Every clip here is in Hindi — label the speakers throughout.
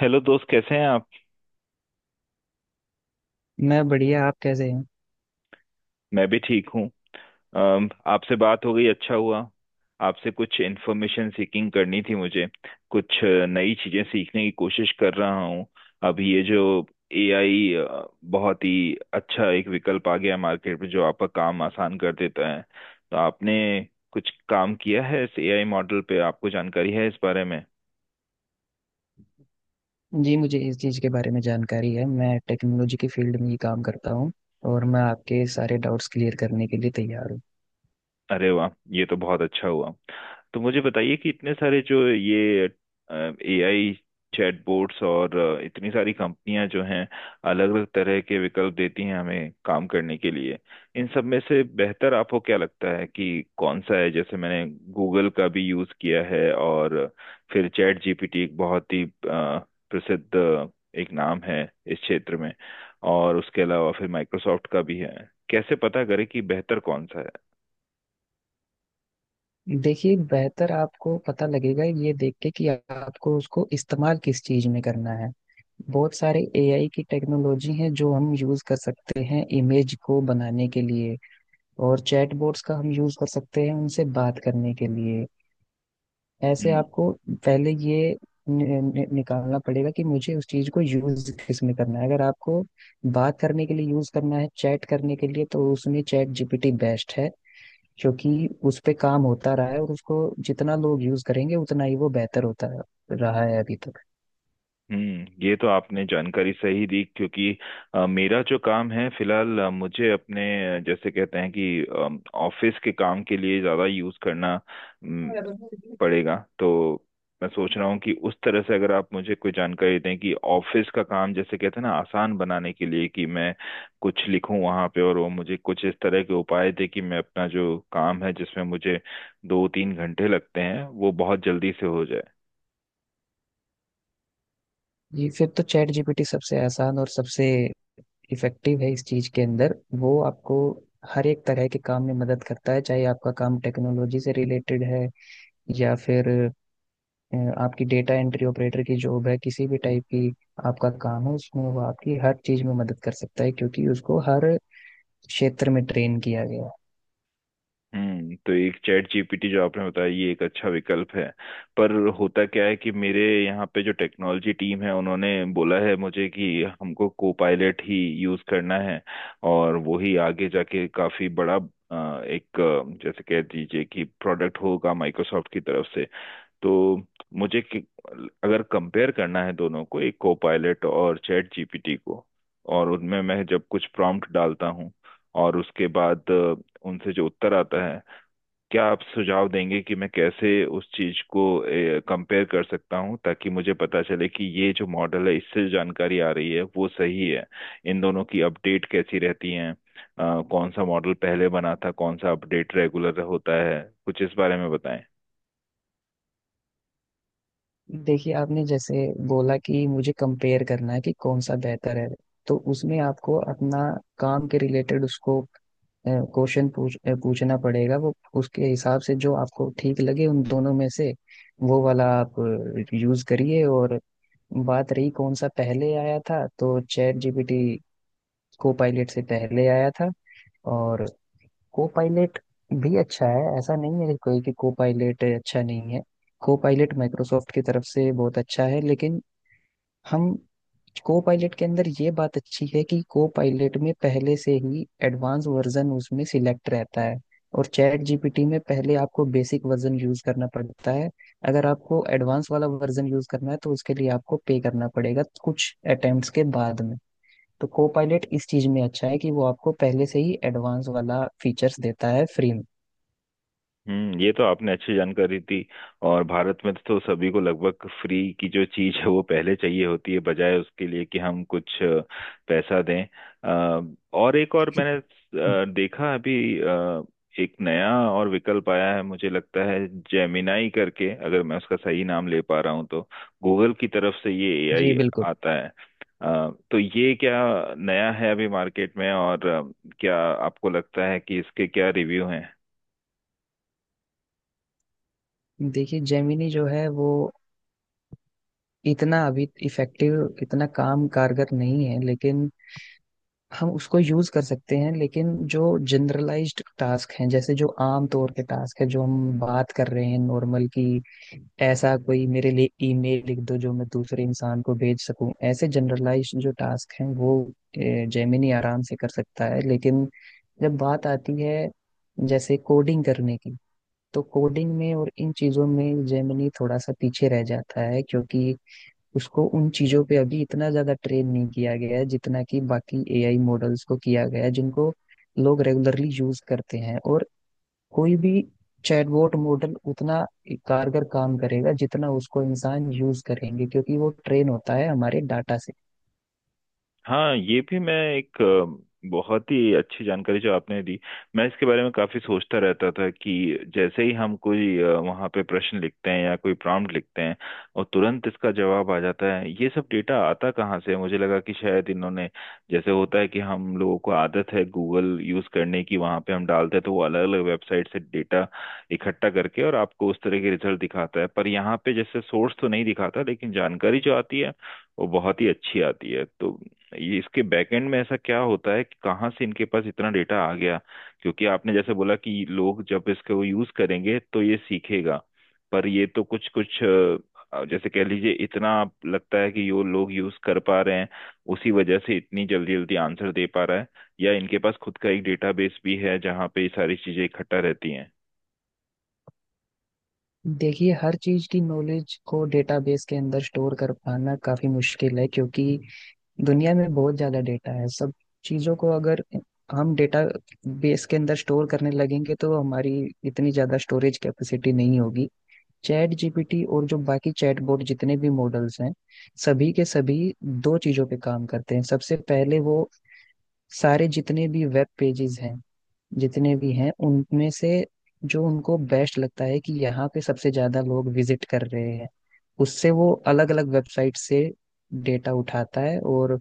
Speaker 1: हेलो दोस्त, कैसे हैं आप?
Speaker 2: मैं बढ़िया। आप कैसे हैं।
Speaker 1: मैं भी ठीक हूँ। आपसे बात हो गई, अच्छा हुआ। आपसे कुछ इन्फॉर्मेशन सीकिंग करनी थी मुझे। कुछ नई चीज़ें सीखने की कोशिश कर रहा हूँ। अभी ये जो एआई, बहुत ही अच्छा एक विकल्प आ गया है मार्केट में, जो आपका काम आसान कर देता है। तो आपने कुछ काम किया है इस एआई मॉडल पे? आपको जानकारी है इस बारे में?
Speaker 2: जी मुझे इस चीज़ के बारे में जानकारी है। मैं टेक्नोलॉजी की फील्ड में ही काम करता हूँ और मैं आपके सारे डाउट्स क्लियर करने के लिए तैयार हूँ।
Speaker 1: अरे वाह, ये तो बहुत अच्छा हुआ। तो मुझे बताइए कि इतने सारे जो ये एआई चैटबॉट्स और इतनी सारी कंपनियां जो हैं, अलग अलग तरह के विकल्प देती हैं हमें काम करने के लिए, इन सब में से बेहतर आपको क्या लगता है कि कौन सा है? जैसे मैंने गूगल का भी यूज किया है, और फिर चैट जीपीटी एक बहुत ही प्रसिद्ध एक नाम है इस क्षेत्र में, और उसके अलावा फिर माइक्रोसॉफ्ट का भी है। कैसे पता करें कि बेहतर कौन सा है?
Speaker 2: देखिए बेहतर आपको पता लगेगा ये देख के कि आपको उसको इस्तेमाल किस चीज़ में करना है। बहुत सारे एआई की टेक्नोलॉजी है जो हम यूज कर सकते हैं इमेज को बनाने के लिए, और चैटबॉट्स का हम यूज कर सकते हैं उनसे बात करने के लिए। ऐसे
Speaker 1: हम्म।
Speaker 2: आपको पहले ये नि, नि, निकालना पड़ेगा कि मुझे उस चीज को यूज किस में करना है। अगर आपको बात करने के लिए यूज करना है, चैट करने के लिए, तो उसमें चैट जीपीटी बेस्ट है क्योंकि उस पे काम होता रहा है और उसको जितना लोग यूज करेंगे उतना ही वो बेहतर होता रहा है अभी तक।
Speaker 1: हम्म, ये तो आपने जानकारी सही दी, क्योंकि मेरा जो काम है फिलहाल, मुझे अपने, जैसे कहते हैं कि ऑफिस के काम के लिए ज़्यादा यूज़ करना पड़ेगा। तो मैं सोच रहा हूँ कि उस तरह से अगर आप मुझे कोई जानकारी दें कि ऑफिस का काम, जैसे कहते हैं ना, आसान बनाने के लिए कि मैं कुछ लिखूं वहां पे और वो मुझे कुछ इस तरह के उपाय दे कि मैं अपना जो काम है, जिसमें मुझे 2-3 घंटे लगते हैं, वो बहुत जल्दी से हो जाए।
Speaker 2: ये फिर तो चैट जीपीटी सबसे आसान और सबसे इफेक्टिव है इस चीज के अंदर। वो आपको हर एक तरह के काम में मदद करता है, चाहे आपका काम टेक्नोलॉजी से रिलेटेड है या फिर अ, आपकी डेटा एंट्री ऑपरेटर की जॉब है, किसी भी टाइप की आपका काम है, उसमें वो आपकी हर चीज में मदद कर सकता है क्योंकि उसको हर क्षेत्र में ट्रेन किया गया है।
Speaker 1: हम्म, तो एक चैट जीपीटी जो आपने बताया, ये एक अच्छा विकल्प है। पर होता क्या है कि मेरे यहाँ पे जो टेक्नोलॉजी टीम है, उन्होंने बोला है मुझे कि हमको कोपायलट ही यूज करना है, और वो ही आगे जाके काफी बड़ा एक जैसे कह दीजिए कि प्रोडक्ट होगा माइक्रोसॉफ्ट की तरफ से। तो मुझे कि, अगर कंपेयर करना है दोनों को, एक कोपायलट और चैट जीपीटी को, और उनमें मैं जब कुछ प्रॉम्प्ट डालता हूँ और उसके बाद उनसे जो उत्तर आता है, क्या आप सुझाव देंगे कि मैं कैसे उस चीज को कंपेयर कर सकता हूँ ताकि मुझे पता चले कि ये जो मॉडल है, इससे जो जानकारी आ रही है वो सही है? इन दोनों की अपडेट कैसी रहती है? कौन सा मॉडल पहले बना था, कौन सा अपडेट रेगुलर होता है, कुछ इस बारे में बताएं।
Speaker 2: देखिए आपने जैसे बोला कि मुझे कंपेयर करना है कि कौन सा बेहतर है, तो उसमें आपको अपना काम के रिलेटेड उसको क्वेश्चन पूछना पड़ेगा। वो उसके हिसाब से जो आपको ठीक लगे उन दोनों में से वो वाला आप यूज करिए। और बात रही कौन सा पहले आया था, तो चैट जीपीटी को पायलट से पहले आया था। और को पायलट भी अच्छा है, ऐसा नहीं है कि कोई कि को पायलट अच्छा नहीं है। को पायलट माइक्रोसॉफ्ट की तरफ से बहुत अच्छा है, लेकिन हम को पायलट के अंदर ये बात अच्छी है कि को पायलट में पहले से ही एडवांस वर्जन उसमें सिलेक्ट रहता है, और चैट जीपीटी में पहले आपको बेसिक वर्जन यूज करना पड़ता है। अगर आपको एडवांस वाला वर्जन यूज करना है, तो उसके लिए आपको पे करना पड़ेगा कुछ अटेम्प्ट्स के बाद में। तो को पायलट इस चीज में अच्छा है कि वो आपको पहले से ही एडवांस वाला फीचर्स देता है फ्री में।
Speaker 1: हम्म, ये तो आपने अच्छी जानकारी दी। और भारत में तो सभी को लगभग फ्री की जो चीज है वो पहले चाहिए होती है, बजाय उसके लिए कि हम कुछ पैसा दें। और एक और मैंने देखा अभी अ, एक नया और विकल्प आया है, मुझे लगता है जेमिनाई करके, अगर मैं उसका सही नाम ले पा रहा हूँ तो। गूगल की तरफ से ये
Speaker 2: जी
Speaker 1: एआई
Speaker 2: बिल्कुल।
Speaker 1: आता है। तो ये क्या नया है अभी मार्केट में? और क्या आपको लगता है कि इसके क्या रिव्यू हैं?
Speaker 2: देखिए जेमिनी जो है वो इतना अभी इफेक्टिव, इतना काम कारगर नहीं है, लेकिन हम उसको यूज कर सकते हैं। लेकिन जो जनरलाइज्ड टास्क हैं, जैसे जो आम तौर के टास्क है जो हम बात कर रहे हैं नॉर्मल की, ऐसा कोई मेरे लिए ईमेल लिख दो जो मैं दूसरे इंसान को भेज सकूं, ऐसे जनरलाइज जो टास्क हैं वो जेमिनी आराम से कर सकता है। लेकिन जब बात आती है जैसे कोडिंग करने की, तो कोडिंग में और इन चीजों में जेमिनी थोड़ा सा पीछे रह जाता है, क्योंकि उसको उन चीजों पे अभी इतना ज्यादा ट्रेन नहीं किया गया है जितना कि बाकी एआई मॉडल्स को किया गया है, जिनको लोग रेगुलरली यूज करते हैं। और कोई भी चैटबॉट मॉडल उतना कारगर काम करेगा जितना उसको इंसान यूज करेंगे, क्योंकि वो ट्रेन होता है हमारे डाटा से।
Speaker 1: हाँ, ये भी मैं, एक बहुत ही अच्छी जानकारी जो आपने दी। मैं इसके बारे में काफी सोचता रहता था कि जैसे ही हम कोई वहाँ पे प्रश्न लिखते हैं या कोई प्रॉम्प्ट लिखते हैं, और तुरंत इसका जवाब आ जाता है, ये सब डेटा आता कहाँ से है? मुझे लगा कि शायद इन्होंने, जैसे होता है कि हम लोगों को आदत है गूगल यूज करने की, वहाँ पे हम डालते हैं तो वो अलग अलग वेबसाइट से डेटा इकट्ठा करके और आपको उस तरह के रिजल्ट दिखाता है, पर यहाँ पे जैसे सोर्स तो नहीं दिखाता, लेकिन जानकारी जो आती है वो बहुत ही अच्छी आती है। तो ये इसके बैकएंड में ऐसा क्या होता है कि कहाँ से इनके पास इतना डेटा आ गया? क्योंकि आपने जैसे बोला कि लोग जब इसको यूज करेंगे तो ये सीखेगा, पर ये तो कुछ कुछ जैसे कह लीजिए, इतना लगता है कि यो लोग यूज कर पा रहे हैं, उसी वजह से इतनी जल्दी जल्दी आंसर दे पा रहा है? या इनके पास खुद का एक डेटाबेस भी है जहाँ पे ये सारी चीजें इकट्ठा रहती हैं?
Speaker 2: देखिए हर चीज की नॉलेज को डेटाबेस के अंदर स्टोर कर पाना काफी मुश्किल है, क्योंकि दुनिया में बहुत ज़्यादा डेटा है। सब चीज़ों को अगर हम डेटा बेस के अंदर स्टोर करने लगेंगे तो हमारी इतनी ज़्यादा स्टोरेज कैपेसिटी नहीं होगी। चैट जीपीटी और जो बाकी चैट बोर्ड जितने भी मॉडल्स हैं, सभी के सभी दो चीज़ों पे काम करते हैं। सबसे पहले वो सारे जितने भी वेब पेजेस हैं, जितने भी हैं, उनमें से जो उनको बेस्ट लगता है कि यहाँ पे सबसे ज्यादा लोग विजिट कर रहे हैं, उससे वो अलग अलग वेबसाइट से डेटा उठाता है। और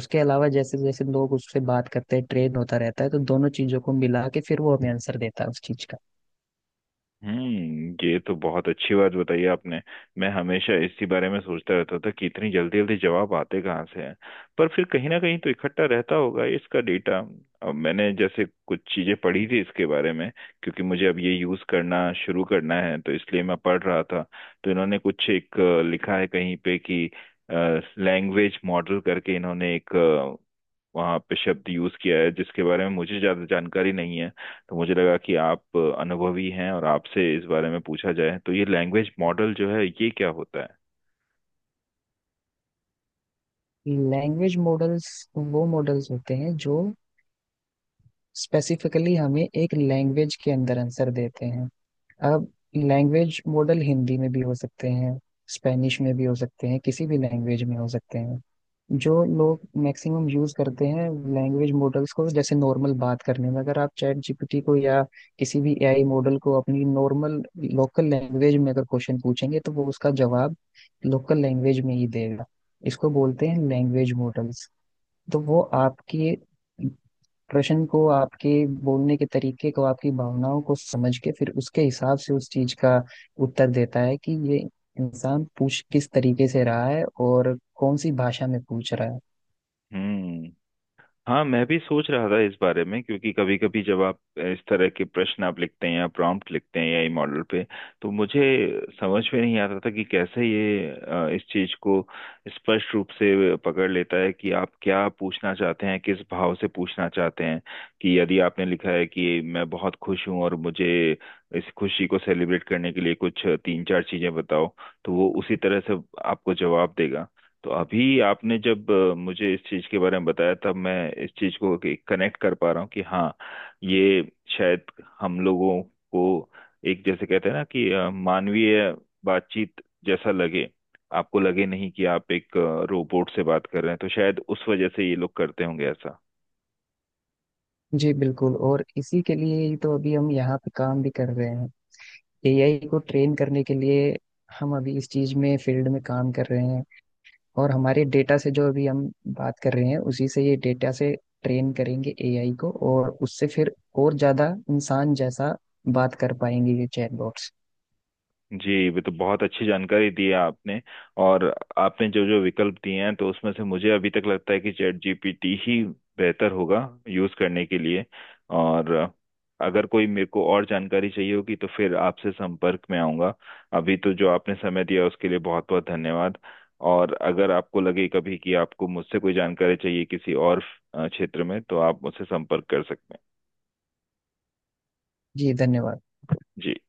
Speaker 2: उसके अलावा जैसे जैसे लोग उससे बात करते हैं ट्रेन होता रहता है, तो दोनों चीजों को मिला के फिर वो हमें आंसर देता है उस चीज का।
Speaker 1: हम्म, ये तो बहुत अच्छी बात बताई आपने। मैं हमेशा इसी बारे में सोचता रहता था कि इतनी जल्दी जल्दी जवाब आते कहाँ से हैं, पर फिर कहीं ना कहीं तो इकट्ठा रहता होगा इसका डेटा। अब मैंने जैसे कुछ चीजें पढ़ी थी इसके बारे में, क्योंकि मुझे अब ये यूज करना शुरू करना है तो इसलिए मैं पढ़ रहा था, तो इन्होंने कुछ एक लिखा है कहीं पे कि लैंग्वेज मॉडल करके इन्होंने एक, वहाँ पे शब्द यूज किया है जिसके बारे में मुझे ज्यादा जानकारी नहीं है। तो मुझे लगा कि आप अनुभवी हैं और आपसे इस बारे में पूछा जाए, तो ये लैंग्वेज मॉडल जो है, ये क्या होता है?
Speaker 2: लैंग्वेज मॉडल्स वो मॉडल्स होते हैं जो स्पेसिफिकली हमें एक लैंग्वेज के अंदर आंसर देते हैं। अब लैंग्वेज मॉडल हिंदी में भी हो सकते हैं, स्पेनिश में भी हो सकते हैं, किसी भी लैंग्वेज में हो सकते हैं जो लोग मैक्सिमम यूज करते हैं लैंग्वेज मॉडल्स को। जैसे नॉर्मल बात करने में अगर आप चैट जीपीटी को या किसी भी एआई मॉडल को अपनी नॉर्मल लोकल लैंग्वेज में अगर क्वेश्चन पूछेंगे, तो वो उसका जवाब लोकल लैंग्वेज में ही देगा। इसको बोलते हैं लैंग्वेज मॉडल्स। तो वो आपके प्रश्न को, आपके बोलने के तरीके को, आपकी भावनाओं को समझ के फिर उसके हिसाब से उस चीज का उत्तर देता है कि ये इंसान पूछ किस तरीके से रहा है और कौन सी भाषा में पूछ रहा है।
Speaker 1: हम्म। हाँ, मैं भी सोच रहा था इस बारे में, क्योंकि कभी कभी जब आप इस तरह के प्रश्न आप लिखते हैं या प्रॉम्प्ट लिखते हैं एआई मॉडल पे, तो मुझे समझ में नहीं आता था कि कैसे ये इस चीज को स्पष्ट रूप से पकड़ लेता है कि आप क्या पूछना चाहते हैं, किस भाव से पूछना चाहते हैं। कि यदि आपने लिखा है कि मैं बहुत खुश हूँ और मुझे इस खुशी को सेलिब्रेट करने के लिए कुछ 3-4 चीजें बताओ, तो वो उसी तरह से आपको जवाब देगा। तो अभी आपने जब मुझे इस चीज के बारे में बताया, तब मैं इस चीज को कनेक्ट कर पा रहा हूँ कि हाँ, ये शायद हम लोगों को एक, जैसे कहते हैं ना कि मानवीय बातचीत जैसा लगे, आपको लगे नहीं कि आप एक रोबोट से बात कर रहे हैं, तो शायद उस वजह से ये लोग करते होंगे ऐसा।
Speaker 2: जी बिल्कुल, और इसी के लिए ही तो अभी हम यहाँ पे काम भी कर रहे हैं एआई को ट्रेन करने के लिए। हम अभी इस चीज में फील्ड में काम कर रहे हैं, और हमारे डेटा से जो अभी हम बात कर रहे हैं उसी से, ये डेटा से ट्रेन करेंगे एआई को, और उससे फिर और ज्यादा इंसान जैसा बात कर पाएंगे ये चैटबॉट्स।
Speaker 1: जी, ये तो बहुत अच्छी जानकारी दी है आपने। और आपने जो जो विकल्प दिए हैं, तो उसमें से मुझे अभी तक लगता है कि चैट जीपीटी ही बेहतर होगा यूज करने के लिए। और अगर कोई मेरे को और जानकारी चाहिए होगी तो फिर आपसे संपर्क में आऊंगा। अभी तो जो आपने समय दिया उसके लिए बहुत बहुत धन्यवाद। और अगर आपको लगे कभी कि आपको मुझसे कोई जानकारी चाहिए किसी और क्षेत्र में, तो आप मुझसे संपर्क कर सकते हैं।
Speaker 2: जी धन्यवाद।
Speaker 1: जी।